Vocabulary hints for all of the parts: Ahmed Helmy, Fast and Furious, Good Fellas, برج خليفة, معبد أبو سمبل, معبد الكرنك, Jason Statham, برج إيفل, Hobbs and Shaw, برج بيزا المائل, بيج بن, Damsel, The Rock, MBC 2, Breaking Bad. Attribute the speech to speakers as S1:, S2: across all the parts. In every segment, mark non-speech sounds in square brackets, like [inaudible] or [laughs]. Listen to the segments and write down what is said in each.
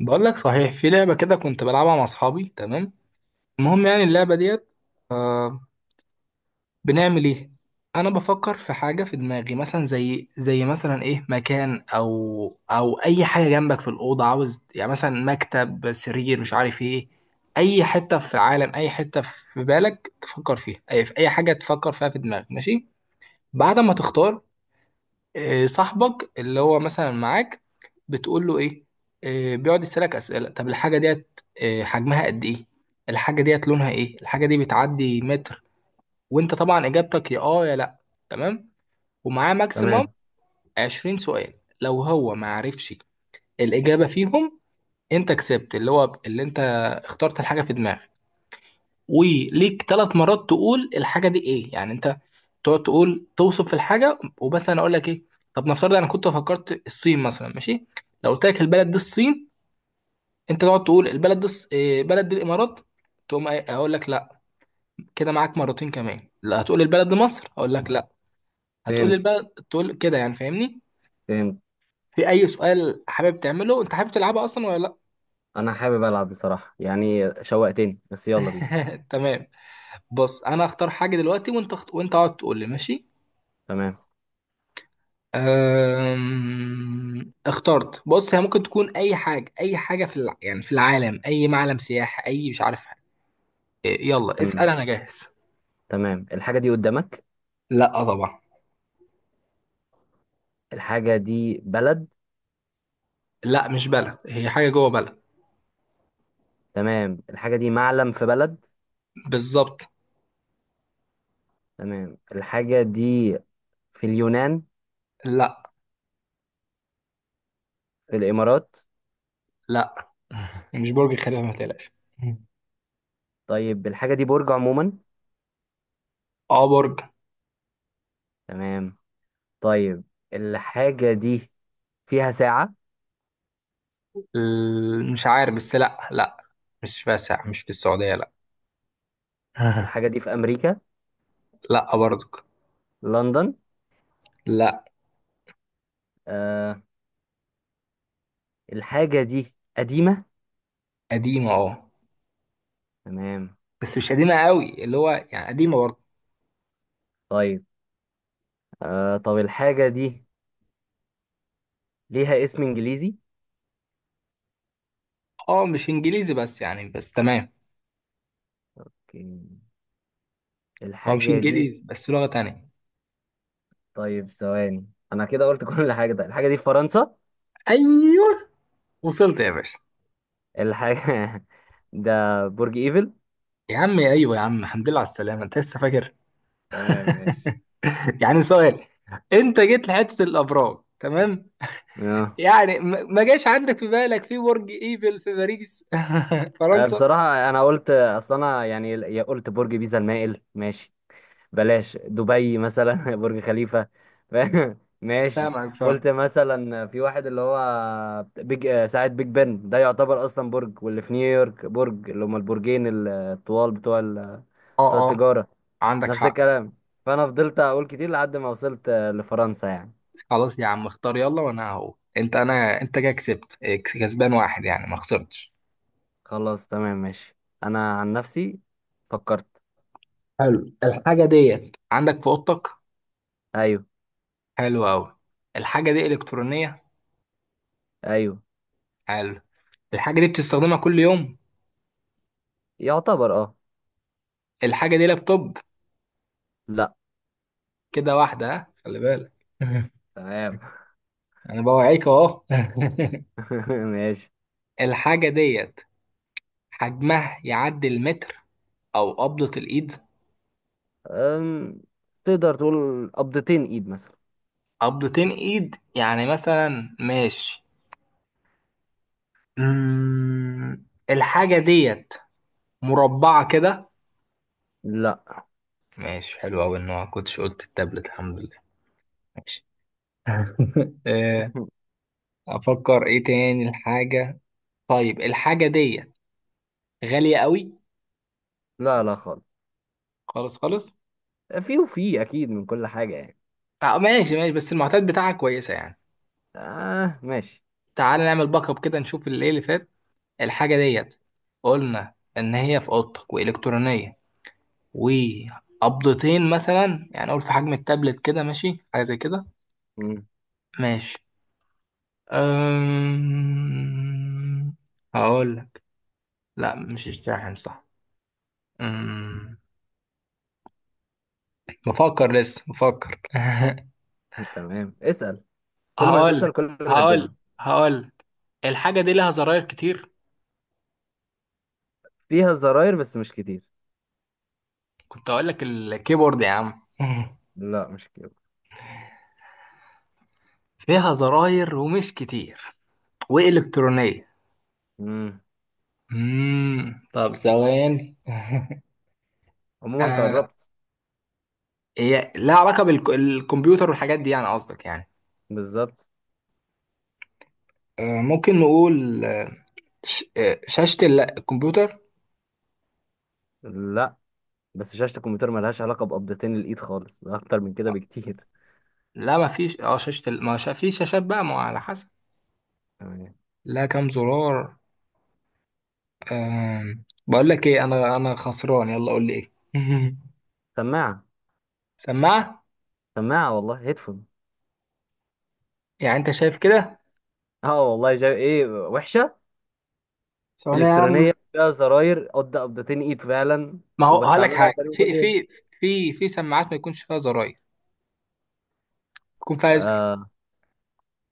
S1: بقول لك صحيح، في لعبة كده كنت بلعبها مع أصحابي. تمام، المهم يعني اللعبة ديت. آه. بنعمل إيه؟ أنا بفكر في حاجة في دماغي، مثلا زي مثلا إيه، مكان أو أي حاجة جنبك في الأوضة، عاوز يعني مثلا مكتب، سرير، مش عارف إيه. أي حتة في العالم، أي حتة في بالك تفكر فيها، أي في أي حاجة تفكر فيها في دماغك، ماشي؟ بعد ما تختار، إيه، صاحبك اللي هو مثلا معاك، بتقول له ايه. إيه، بيقعد يسألك أسئلة. طب الحاجة ديت إيه، حجمها قد ايه، الحاجة ديت لونها ايه، الحاجة دي بتعدي متر. وانت طبعا اجابتك يا اه يا لا. تمام، ومعاه ماكسيمم
S2: تمام.
S1: 20 سؤال. لو هو ما عرفش الإجابة فيهم، انت كسبت اللي هو اللي انت اخترت الحاجة في دماغك. وليك ثلاث مرات تقول الحاجه دي ايه، يعني انت تقعد تقول توصف الحاجه وبس، انا اقول لك ايه. طب نفترض انا كنت فكرت الصين مثلا، ماشي. لو قلت لك البلد دي الصين، انت تقعد تقول البلد دي الص- إيه، بلد دي الامارات، تقوم اقول لك لا. كده معاك مرتين كمان، لا هتقول البلد دي مصر، اقول لك لا. هتقول
S2: فهمت،
S1: البلد، تقول كده، يعني فاهمني.
S2: فهمت.
S1: في اي سؤال حابب تعمله؟ انت حابب تلعبها اصلا ولا لا؟
S2: انا حابب العب بصراحه، يعني شوقتني، بس يلا بينا.
S1: [laughs] تمام، بص انا اختار حاجه دلوقتي وانت وانت اقعد تقول لي، ماشي.
S2: تمام.
S1: اخترت. بص، هي ممكن تكون اي حاجه، اي حاجه يعني في العالم، اي معلم سياحي، اي مش عارف حاجة. إيه، يلا اسال،
S2: تمام.
S1: انا جاهز.
S2: تمام، الحاجه دي قدامك؟
S1: لا طبعا.
S2: الحاجه دي بلد؟
S1: لا مش بلد، هي حاجه جوه بلد.
S2: تمام، الحاجه دي معلم في بلد؟
S1: بالظبط.
S2: تمام، الحاجه دي في اليونان؟
S1: لا
S2: في الامارات؟
S1: لا. [laughs] مش برج خليفه ما تقلقش.
S2: طيب الحاجه دي برج عموما؟
S1: اه برج.
S2: تمام. طيب، الحاجه دي فيها ساعه؟
S1: مش عارف، بس لا لا، مش واسع، مش في السعوديه، لا.
S2: الحاجه دي
S1: [laughs]
S2: في امريكا؟
S1: لا برضك.
S2: لندن؟
S1: لا.
S2: آه. الحاجه دي قديمه؟
S1: قديمه اه،
S2: تمام.
S1: بس مش قديمه قوي، اللي هو يعني قديمه برضه.
S2: طيب، طب الحاجه دي ليها اسم انجليزي؟
S1: اه مش انجليزي بس، يعني بس تمام.
S2: اوكي،
S1: هو مش
S2: الحاجة دي،
S1: انجليزي، بس لغة تانية.
S2: طيب ثواني. انا كده قلت [laughs] كل حاجة. ده الحاجة دي في فرنسا؟
S1: ايوه. وصلت يا باشا.
S2: الحاجة [laughs] ده برج ايفل؟
S1: يا عم ايوه يا عم، الحمد لله على السلامة، انت لسه فاكر.
S2: تمام، ماشي.
S1: يعني سؤال، انت جيت لحتة الابراج، تمام.
S2: اه.
S1: يعني ما جاش عندك في بالك في برج ايفل في باريس؟ [laughs] فرنسا.
S2: بصراحة انا قلت، اصل انا يعني، يا قلت برج بيزا المائل، ماشي، بلاش دبي مثلا [laughs] برج خليفة. فاهم؟ ماشي.
S1: فاهمك، فاهم.
S2: قلت مثلا في واحد اللي هو بيج، ساعة بيج بن، ده يعتبر اصلا برج، واللي في نيويورك، برج اللي هما البرجين الطوال بتوع بتوع
S1: اه اه،
S2: التجارة،
S1: عندك
S2: نفس
S1: حق.
S2: الكلام. فانا فضلت اقول كتير لحد ما وصلت، لفرنسا يعني.
S1: خلاص يا عم اختار يلا، وانا اهو، انت انا انت كده كسبت، إيه، كسبان واحد يعني ما خسرتش.
S2: خلاص تمام، ماشي. انا عن نفسي فكرت.
S1: حلو، الحاجة ديت عندك في اوضتك.
S2: ايوه،
S1: حلو قوي. الحاجة دي الكترونية.
S2: ايوه.
S1: حلو. الحاجة دي بتستخدمها كل يوم.
S2: يعتبر اه.
S1: الحاجة دي لابتوب؟
S2: لا.
S1: كده واحدة، ها، خلي بالك. [laughs]
S2: تمام.
S1: أنا بوعيك أهو.
S2: [laughs] ماشي.
S1: [laughs] الحاجة ديت حجمها يعدي المتر أو قبضة الإيد؟
S2: أم... تقدر تقول قبضتين ايد مثلا.
S1: قبضتين إيد يعني مثلا، ماشي. الحاجة ديت مربعة كده؟
S2: لا.
S1: ماشي، حلو أوي إن ما كنتش قلت التابلت، الحمد لله. ماشي. [laughs] آه،
S2: [laughs]
S1: أفكر إيه تاني الحاجة. طيب الحاجة ديت غالية أوي؟
S2: لا لا خالص.
S1: خالص خالص.
S2: في، وفي اكيد من كل حاجة يعني.
S1: ماشي ماشي، بس المعطيات بتاعها كويسة يعني.
S2: اه ماشي.
S1: تعال نعمل باك اب كده، نشوف اللي إيه اللي فات. الحاجة ديت قلنا إن هي في أوضتك، وإلكترونية، وقبضتين مثلا يعني أقول في حجم التابلت كده، ماشي، حاجة زي كده.
S2: مم.
S1: ماشي. أم... هقول لك. لا مش الشاحن، صح. أم... بفكر لسه، بفكر.
S2: تمام، اسأل.
S1: [laughs]
S2: كل ما
S1: هقول
S2: تسأل كل ما
S1: هقول
S2: هتجيبها.
S1: هقول. الحاجة دي لها زراير كتير.
S2: فيها زراير بس مش كتير.
S1: كنت أقول لك الكيبورد يا عم. [laughs]
S2: لا مش كتير.
S1: فيها زراير ومش كتير، وإلكترونية.
S2: مم.
S1: طب ثواني. [laughs]
S2: عموما انت
S1: آه،
S2: قربت.
S1: هي لها علاقة بالكمبيوتر والحاجات دي يعني، قصدك يعني.
S2: بالظبط.
S1: آه، ممكن نقول، آه، شاشة الكمبيوتر.
S2: لا، بس شاشة الكمبيوتر ملهاش علاقة بقبضتين الإيد خالص، ده أكتر من كده بكتير.
S1: لا ما فيش، اه، شاشة ال- ما شا... في شاشات بقى، ما هو على حسب.
S2: تمام.
S1: لا، كام زرار؟ بقول لك ايه، انا خسران، يلا قول لي ايه.
S2: سماعة.
S1: [laughs] سماعة.
S2: سماعة والله، هيدفون.
S1: يعني انت شايف كده.
S2: اه والله، جاي ايه وحشة.
S1: ثواني يا عم،
S2: إلكترونية، فيها زراير قد قبضتين إيد فعلا،
S1: ما هو هقول لك
S2: وبستعملها
S1: حاجه،
S2: تقريبا كل
S1: في في
S2: يوم.
S1: في في سماعات ما يكونش فيها زراير، يكون فيها زر.
S2: آه.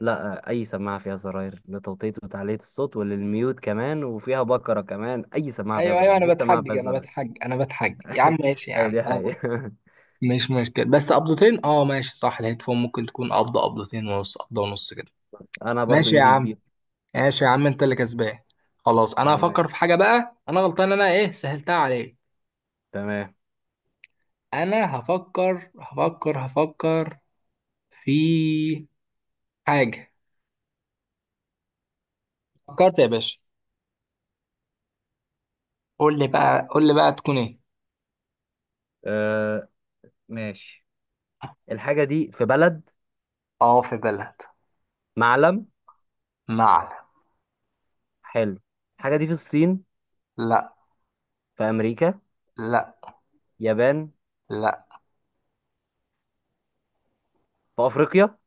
S2: لا، أي سماعة فيها زراير لتوطية وتعلية الصوت وللميوت كمان، وفيها بكرة كمان. أي سماعة فيها
S1: ايوه
S2: زراير،
S1: ايوه،
S2: مفيش
S1: انا
S2: سماعة
S1: بتحجج
S2: فيهاش
S1: انا
S2: زراير.
S1: بتحجج انا بتحجج يا عم،
S2: [laughs]
S1: ماشي يا
S2: أي
S1: عم،
S2: دي
S1: اه.
S2: حقيقة.
S1: مش مشكله، بس قبضتين، اه ماشي صح، الهيدفون ممكن تكون قبضه، قبضتين ونص، قبضه ونص كده.
S2: [laughs] أنا برضو
S1: ماشي يا
S2: إيدي
S1: عم،
S2: كبيرة.
S1: ماشي يا عم، انت اللي كسبان. خلاص انا
S2: تمام،
S1: هفكر في حاجه بقى، انا غلطان انا، ايه سهلتها عليك.
S2: تمام.
S1: انا هفكر هفكر هفكر في حاجه. فكرت يا باشا، قول لي بقى قول لي بقى تكون ايه.
S2: آه ماشي. الحاجة دي في بلد؟
S1: اه في بلد.
S2: معلم؟
S1: معلم.
S2: حلو. الحاجة دي في الصين؟
S1: لا.
S2: في أمريكا؟
S1: لا.
S2: يابان؟
S1: لا.
S2: في أفريقيا؟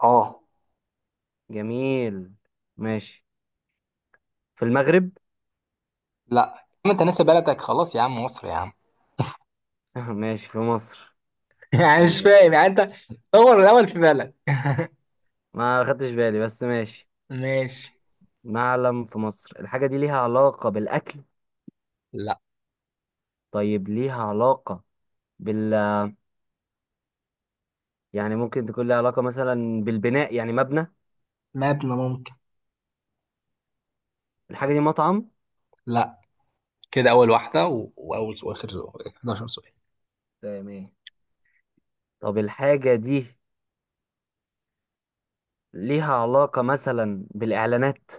S1: اه.
S2: جميل، ماشي. في المغرب؟
S1: لا ما انت ناسي بلدك، خلاص يا عم، مصر يا عم.
S2: [laughs] ماشي، في مصر.
S1: [laughs] يعني مش
S2: حلو.
S1: فاهم يعني انت، دور الاول في بلد.
S2: ما خدتش بالي، بس ماشي.
S1: ماشي.
S2: معلم في مصر. الحاجة دي ليها علاقة بالأكل؟
S1: لا.
S2: طيب ليها علاقة بال، يعني ممكن تكون ليها علاقة مثلا بالبناء، يعني مبنى.
S1: مبنى ممكن.
S2: الحاجة دي مطعم؟
S1: لا. كده اول واول سؤال، اخر سؤال، 11 سؤال.
S2: تمام. طب الحاجة دي ليها علاقة مثلا بالإعلانات؟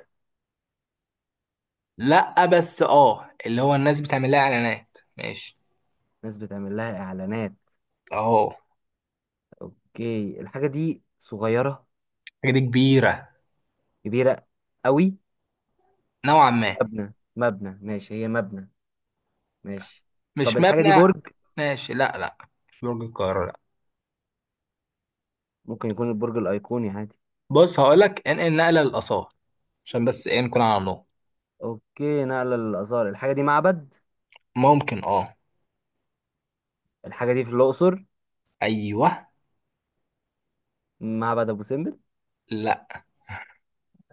S1: لا، بس اه اللي هو الناس بتعمل لها اعلانات، ماشي.
S2: ناس بتعمل لها إعلانات.
S1: اهو.
S2: اوكي، الحاجة دي صغيرة؟
S1: حاجه دي كبيره
S2: كبيرة قوي؟
S1: نوعا ما.
S2: مبنى، مبنى ماشي، هي مبنى، ماشي. طب
S1: مش
S2: الحاجة دي
S1: مبنى.
S2: برج؟
S1: ماشي لا لا، مش برج القاهره لا.
S2: ممكن يكون البرج الأيقوني عادي.
S1: بص هقول لك، انقل نقله للاثار، عشان بس ايه، نكون على النقط.
S2: اوكي، نقلة للآثار. الحاجة دي معبد.
S1: ممكن اه.
S2: الحاجة دي في الأقصر.
S1: ايوه.
S2: معبد أبو سمبل؟
S1: لا.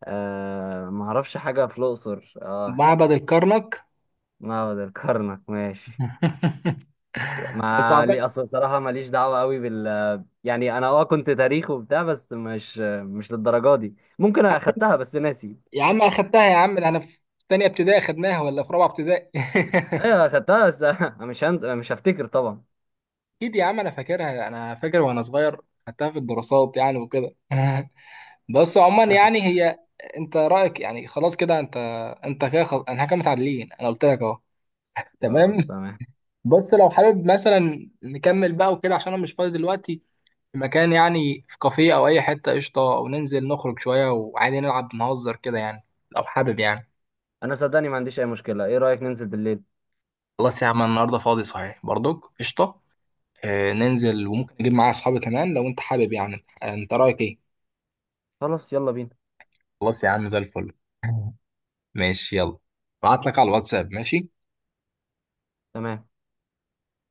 S2: آه ما اعرفش حاجة في الأقصر، اه.
S1: معبد الكرنك.
S2: معبد الكرنك؟ ماشي.
S1: [laughs] بس
S2: ما
S1: أعتقد-
S2: لي اصل صراحة ماليش دعوة قوي بال، يعني انا اه كنت تاريخ وبتاع، بس مش للدرجة دي. ممكن اخدتها بس ناسي.
S1: يا عم اخدتها يا عم، ده انا في تانية ابتدائي اخدناها ولا في رابعة ابتدائي. [laughs]
S2: ايوه صدقني، بس [laughs] أنا مش هفتكر طبعا.
S1: اكيد يا عم، انا فاكرها، انا فاكر وانا صغير، خدتها في الدراسات يعني وكده. [laughs] بس عموما يعني
S2: [laughs]
S1: هي، انت رايك يعني، خلاص كده انت، انت كده خلاص، انا كده متعادلين، انا قلت لك اهو.
S2: خلاص
S1: تمام.
S2: تمام.
S1: بس لو حابب مثلا نكمل بقى وكده، عشان انا مش فاضي دلوقتي، في مكان يعني، في كافيه او اي حته قشطه، وننزل نخرج شويه وعادي، نلعب نهزر كده يعني، لو حابب يعني.
S2: انا صدقني ما عنديش اي مشكلة، ايه رأيك ننزل بالليل؟
S1: خلاص يا عم، أنا النهارده فاضي صحيح برضك، قشطه. آه ننزل، وممكن اجيب معايا اصحابي كمان لو انت حابب، يعني آه، انت رايك ايه.
S2: خلاص يلا بينا.
S1: خلاص يا عم، زي الفل. [laughs] ماشي يلا، بعت لك على الواتساب، ماشي.
S2: تمام.